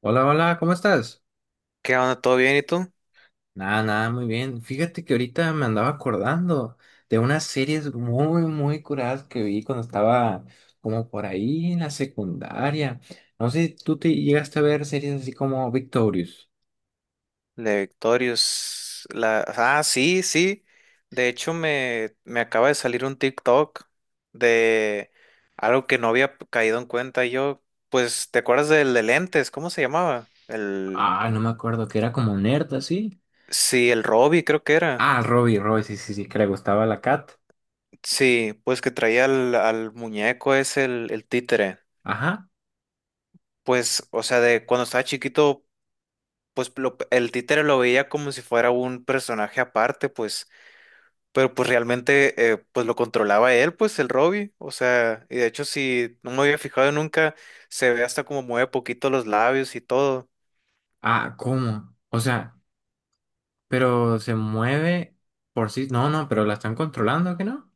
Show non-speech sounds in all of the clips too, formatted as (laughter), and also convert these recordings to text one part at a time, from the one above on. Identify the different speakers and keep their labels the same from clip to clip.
Speaker 1: Hola, hola, ¿cómo estás?
Speaker 2: ¿Qué onda? ¿Todo bien? ¿Y tú?
Speaker 1: Nada, nada, muy bien. Fíjate que ahorita me andaba acordando de unas series muy, muy curadas que vi cuando estaba como por ahí en la secundaria. No sé, ¿tú te llegaste a ver series así como Victorious?
Speaker 2: La de Victorious. La... Ah, sí, sí. De hecho, me acaba de salir un TikTok de algo que no había caído en cuenta. Yo, pues, ¿te acuerdas del de lentes? ¿Cómo se llamaba? El...
Speaker 1: Ah, no me acuerdo, que era como nerd así.
Speaker 2: Sí, el Robbie creo que era.
Speaker 1: Ah, Robbie, Robbie, sí, sí, sí, que le gustaba la Cat.
Speaker 2: Sí, pues que traía al, al muñeco, es el títere.
Speaker 1: Ajá.
Speaker 2: Pues, o sea, de cuando estaba chiquito, pues el títere lo veía como si fuera un personaje aparte, pues. Pero pues realmente pues lo controlaba él, pues el Robbie, o sea, y de hecho si no me había fijado nunca, se ve hasta como mueve poquito los labios y todo.
Speaker 1: Ah, ¿cómo? O sea, pero se mueve por sí. No, no, pero la están controlando, ¿que no?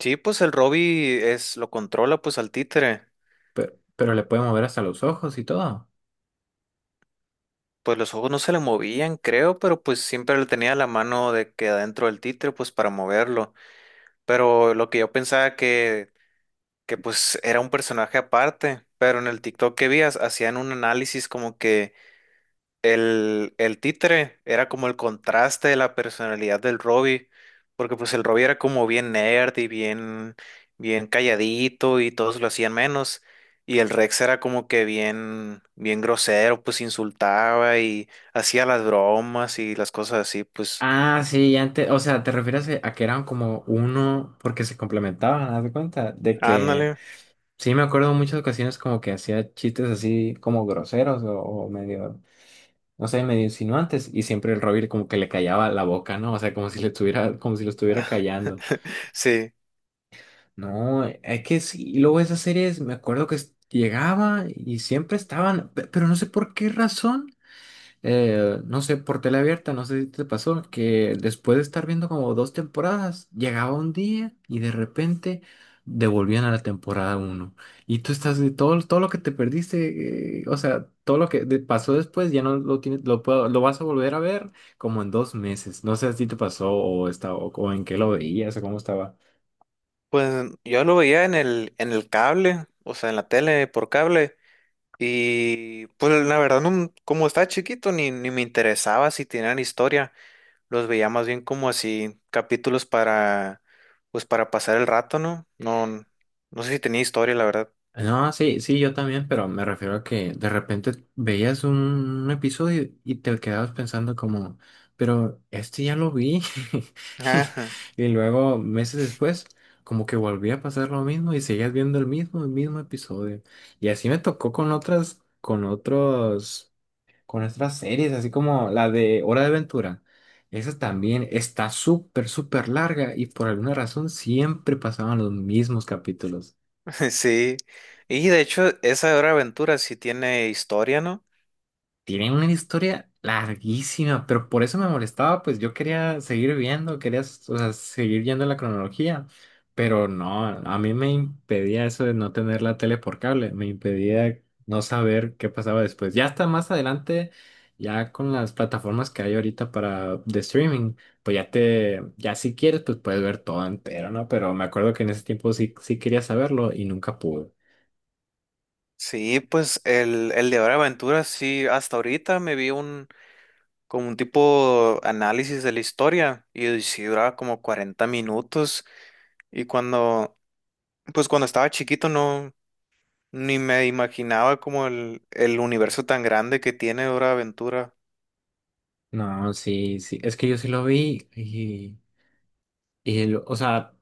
Speaker 2: Sí, pues el Robbie es, lo controla pues al títere.
Speaker 1: Pero le puede mover hasta los ojos y todo.
Speaker 2: Pues los ojos no se le movían, creo, pero pues siempre le tenía la mano de que adentro del títere pues para moverlo, pero lo que yo pensaba que pues era un personaje aparte, pero en el TikTok que vi hacían un análisis como que el títere era como el contraste de la personalidad del Robbie, porque pues el Robbie era como bien nerd y bien, bien calladito y todos lo hacían menos, y el Rex era como que bien, bien grosero, pues insultaba y hacía las bromas y las cosas así, pues.
Speaker 1: Ah, sí, y antes, o sea, te refieres a que eran como uno porque se complementaban, haz de cuenta, de que
Speaker 2: Ándale,
Speaker 1: sí me acuerdo en muchas ocasiones como que hacía chistes así como groseros o medio, no sé, medio insinuantes y siempre el Robin como que le callaba la boca, ¿no? O sea, como si le estuviera, como si lo estuviera callando.
Speaker 2: sí,
Speaker 1: No, es que sí, y luego esas series me acuerdo que llegaba y siempre estaban, pero no sé por qué razón. No sé, por tele abierta, no sé si te pasó, que después de estar viendo como dos temporadas, llegaba un día y de repente devolvían a la temporada uno. Y tú estás de todo, todo lo que te perdiste, o sea, todo lo que pasó después ya no lo tienes, lo vas a volver a ver como en dos meses. No sé si te pasó o está, o en qué lo veías o cómo estaba.
Speaker 2: pues yo lo veía en el cable, o sea, en la tele por cable. Y pues la verdad, no- como estaba chiquito, ni me interesaba si tenían historia. Los veía más bien como así capítulos para, pues para pasar el rato, ¿no? No, no sé si tenía historia, la verdad.
Speaker 1: No, sí, sí, yo también, pero me refiero a que de repente veías un, episodio y te quedabas pensando como, pero este ya lo vi. (laughs)
Speaker 2: Ajá.
Speaker 1: Y luego, meses después, como que volvía a pasar lo mismo y seguías viendo el mismo episodio. Y así me tocó con otras, con otros, con otras series, así como la de Hora de Aventura. Esa también está súper, súper larga y por alguna razón siempre pasaban los mismos capítulos.
Speaker 2: (laughs) Sí, y de hecho esa de Hora de Aventura sí tiene historia, ¿no?
Speaker 1: Tiene una historia larguísima, pero por eso me molestaba, pues yo quería seguir viendo, quería, o sea, seguir yendo en la cronología, pero no, a mí me impedía eso de no tener la tele por cable, me impedía no saber qué pasaba después. Ya hasta más adelante, ya con las plataformas que hay ahorita para de streaming, pues ya te, ya si quieres, pues puedes ver todo entero, ¿no? Pero me acuerdo que en ese tiempo sí, sí quería saberlo y nunca pude.
Speaker 2: Sí, pues el de Hora de Aventura sí, hasta ahorita me vi un como un tipo análisis de la historia y sí duraba como 40 minutos y cuando, pues cuando estaba chiquito no, ni me imaginaba como el universo tan grande que tiene Hora de Aventura.
Speaker 1: No, sí, sí, es que yo sí lo vi. Y, o sea,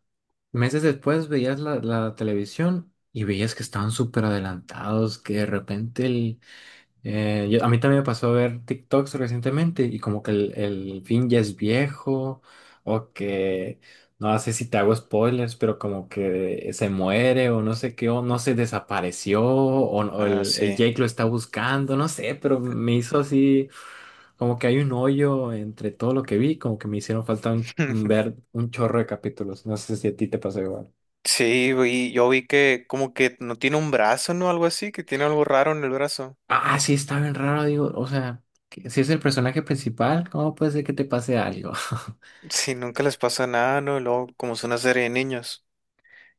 Speaker 1: meses después veías la, la televisión y veías que estaban súper adelantados, que de repente el... A mí también me pasó a ver TikToks recientemente y como que el fin ya es viejo o que... No sé si te hago spoilers, pero como que se muere o no sé qué, o no se desapareció, o
Speaker 2: Ah,
Speaker 1: el
Speaker 2: sí.
Speaker 1: Jake lo está buscando, no sé, pero me hizo así como que hay un hoyo entre todo lo que vi, como que me hicieron falta un
Speaker 2: (laughs)
Speaker 1: ver un chorro de capítulos. No sé si a ti te pasó igual.
Speaker 2: Sí, yo vi que como que no tiene un brazo, ¿no? Algo así, que tiene algo raro en el brazo.
Speaker 1: Ah, sí, está bien raro, digo, o sea, si es el personaje principal, ¿cómo puede ser que te pase algo? (laughs)
Speaker 2: (laughs) Sí, nunca les pasa nada, ¿no? Y luego, como es una serie de niños.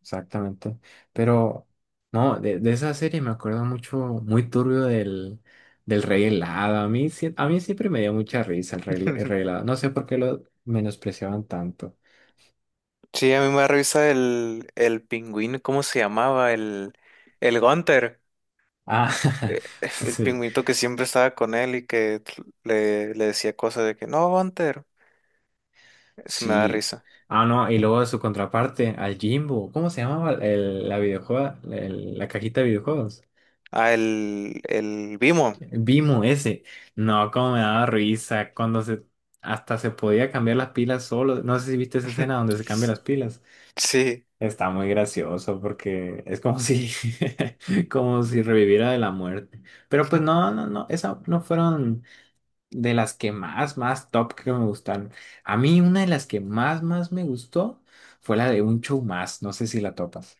Speaker 1: Exactamente. Pero, no, de esa serie me acuerdo mucho, muy turbio del, del Rey Helado. A mí, a mí siempre me dio mucha risa el
Speaker 2: (laughs)
Speaker 1: Rey Helado. No sé por qué lo menospreciaban tanto.
Speaker 2: Sí, a mí me revisa el pingüino, ¿cómo se llamaba? El Gunther.
Speaker 1: Ah,
Speaker 2: Eh,
Speaker 1: (laughs)
Speaker 2: (laughs) el
Speaker 1: sí.
Speaker 2: pingüinito que siempre estaba con él y que le decía cosas de que, no, Gunther. Se me da
Speaker 1: Sí.
Speaker 2: risa.
Speaker 1: Ah, no, y luego su contraparte, al Jimbo. ¿Cómo se llamaba la videojuego, la cajita de videojuegos?
Speaker 2: Ah, el Bimo.
Speaker 1: Vimo ese. No, cómo me daba risa cuando se hasta se podía cambiar las pilas solo. No sé si viste esa escena
Speaker 2: (laughs)
Speaker 1: donde se cambian las pilas.
Speaker 2: Sí.
Speaker 1: Está muy gracioso porque es como si (laughs) como si reviviera de la muerte. Pero pues no, no, no, esa no fueron de las que más, más top que me gustaron. A mí una de las que más, más me gustó fue la de Un Show Más. No sé si la topas.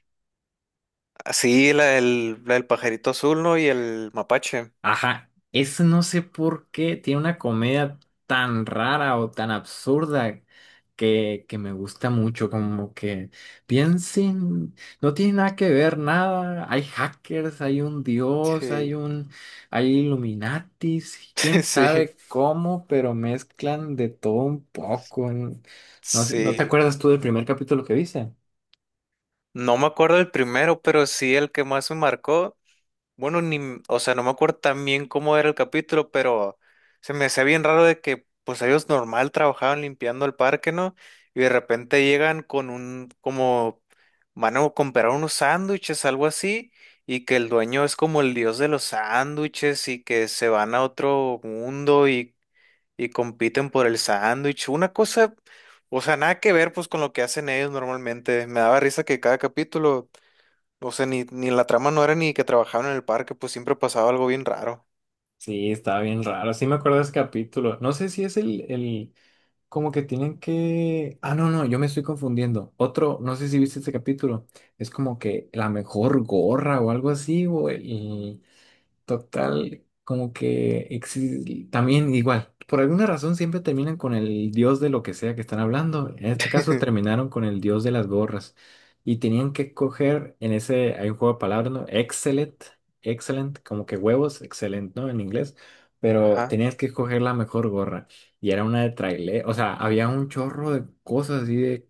Speaker 2: Ah, sí, la, el, la del pajarito azul, ¿no? Y el mapache.
Speaker 1: Ajá, eso no sé por qué tiene una comedia tan rara o tan absurda que me gusta mucho, como que piensen, no tiene nada que ver nada, hay hackers, hay un dios,
Speaker 2: Sí,
Speaker 1: hay un, hay Illuminatis, quién
Speaker 2: (laughs) sí,
Speaker 1: sabe cómo, pero mezclan de todo un poco. No, sé, ¿no te
Speaker 2: sí.
Speaker 1: acuerdas tú del primer capítulo que viste?
Speaker 2: No me acuerdo del primero, pero sí el que más me marcó. Bueno, ni, m- o sea, no me acuerdo tan bien cómo era el capítulo, pero se me hacía bien raro de que, pues ellos normal trabajaban limpiando el parque, ¿no? Y de repente llegan con un, como, van a comprar unos sándwiches, algo así, y que el dueño es como el dios de los sándwiches y que se van a otro mundo y. Y compiten por el sándwich. Una cosa, o sea, nada que ver pues con lo que hacen ellos normalmente. Me daba risa que cada capítulo, o sea, ni la trama no era ni que trabajaban en el parque, pues siempre pasaba algo bien raro.
Speaker 1: Sí, estaba bien raro, sí me acuerdo de ese capítulo, no sé si es el, el. Como que tienen que... Ah, no, no, yo me estoy confundiendo. Otro, no sé si viste este capítulo, es como que la mejor gorra o algo así, güey. Total, como que también igual, por alguna razón siempre terminan con el dios de lo que sea que están hablando. En este caso
Speaker 2: (laughs)
Speaker 1: terminaron con el dios de las gorras y tenían que coger en ese, hay un juego de palabras, ¿no? Excellent, excellent, como que huevos, excellent, ¿no? En inglés, pero
Speaker 2: Ajá.
Speaker 1: tenías que escoger la mejor gorra y era una de trailer, o sea, había un chorro de cosas así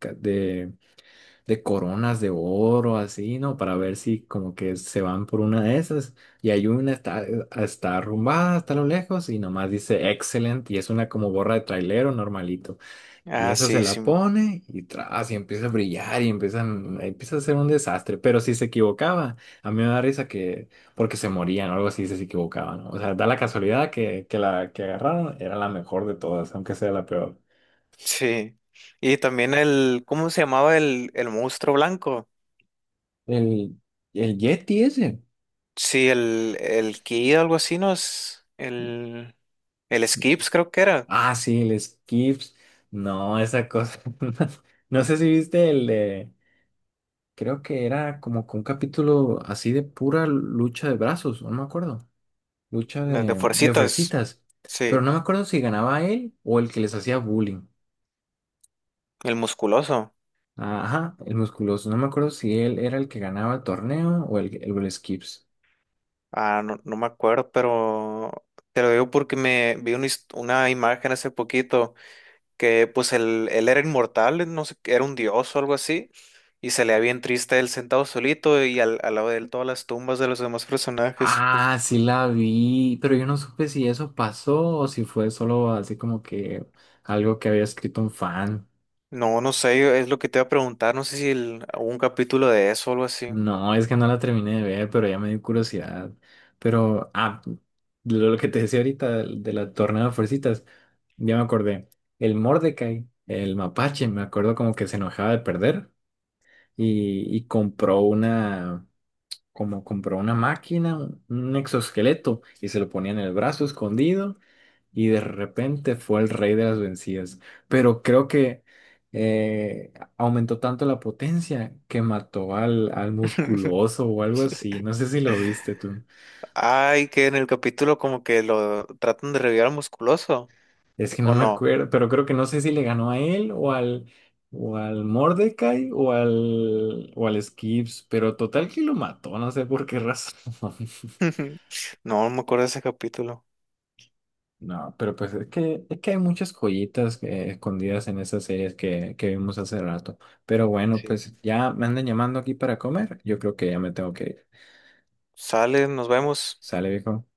Speaker 1: de coronas de oro, así, ¿no? Para ver si como que se van por una de esas. Y hay una, está, está arrumbada hasta lo lejos y nomás dice Excellent y es una como gorra de trailero normalito. Y
Speaker 2: Ah,
Speaker 1: esa se
Speaker 2: sí,
Speaker 1: la
Speaker 2: sí,
Speaker 1: pone y tras, y empieza a brillar y empiezan, empieza a ser un desastre. Pero si se equivocaba, a mí me da risa que, porque se morían o algo así, si se equivocaban, ¿no? O sea, da la casualidad que la que agarraron era la mejor de todas, aunque sea la peor.
Speaker 2: sí. Y también el, ¿cómo se llamaba el monstruo blanco?
Speaker 1: El, el Yeti ese.
Speaker 2: Sí, el Ki, algo así, ¿no? Es el Skips creo que era,
Speaker 1: Ah, sí, el Skips. No, esa cosa. (laughs) No sé si viste el de. Creo que era como con un capítulo así de pura lucha de brazos, o no me acuerdo. Lucha
Speaker 2: de
Speaker 1: de
Speaker 2: fuercitas.
Speaker 1: fuercitas. Pero
Speaker 2: Sí,
Speaker 1: no me acuerdo si ganaba él o el que les hacía bullying.
Speaker 2: el musculoso.
Speaker 1: Ajá, el musculoso. No me acuerdo si él era el que ganaba el torneo o el Skips.
Speaker 2: Ah, no, no me acuerdo, pero te lo digo porque me vi una, una imagen hace poquito que pues él era inmortal, no sé, era un dios o algo así, y se le veía bien triste él sentado solito y al, al lado de él todas las tumbas de los demás personajes. Pu-
Speaker 1: Ah, sí la vi, pero yo no supe si eso pasó o si fue solo así como que algo que había escrito un fan.
Speaker 2: No, no sé, es lo que te iba a preguntar, no sé si hubo un capítulo de eso o algo así.
Speaker 1: No, es que no la terminé de ver, pero ya me dio curiosidad. Pero, ah, lo que te decía ahorita de, la tornada de fuercitas, ya me acordé. El Mordecai, el mapache, me acuerdo como que se enojaba de perder y compró una, como compró una máquina, un exoesqueleto y se lo ponía en el brazo escondido y de repente fue el rey de las vencidas. Pero creo que aumentó tanto la potencia que mató al, al
Speaker 2: (laughs)
Speaker 1: musculoso o algo así. No sé si lo viste tú.
Speaker 2: Ay, que en el capítulo como que lo tratan de revivir al musculoso,
Speaker 1: Es que no
Speaker 2: ¿o
Speaker 1: me
Speaker 2: no?
Speaker 1: acuerdo, pero creo que no sé si le ganó a él o al Mordecai o al Skips, pero total que lo mató, no sé por qué razón. (laughs)
Speaker 2: (laughs) No, no me acuerdo de ese capítulo.
Speaker 1: No, pero pues es que hay muchas joyitas escondidas en esas series que vimos hace rato. Pero bueno,
Speaker 2: Sí.
Speaker 1: pues ya me andan llamando aquí para comer. Yo creo que ya me tengo que ir.
Speaker 2: Sale, nos vemos.
Speaker 1: ¿Sale, viejo?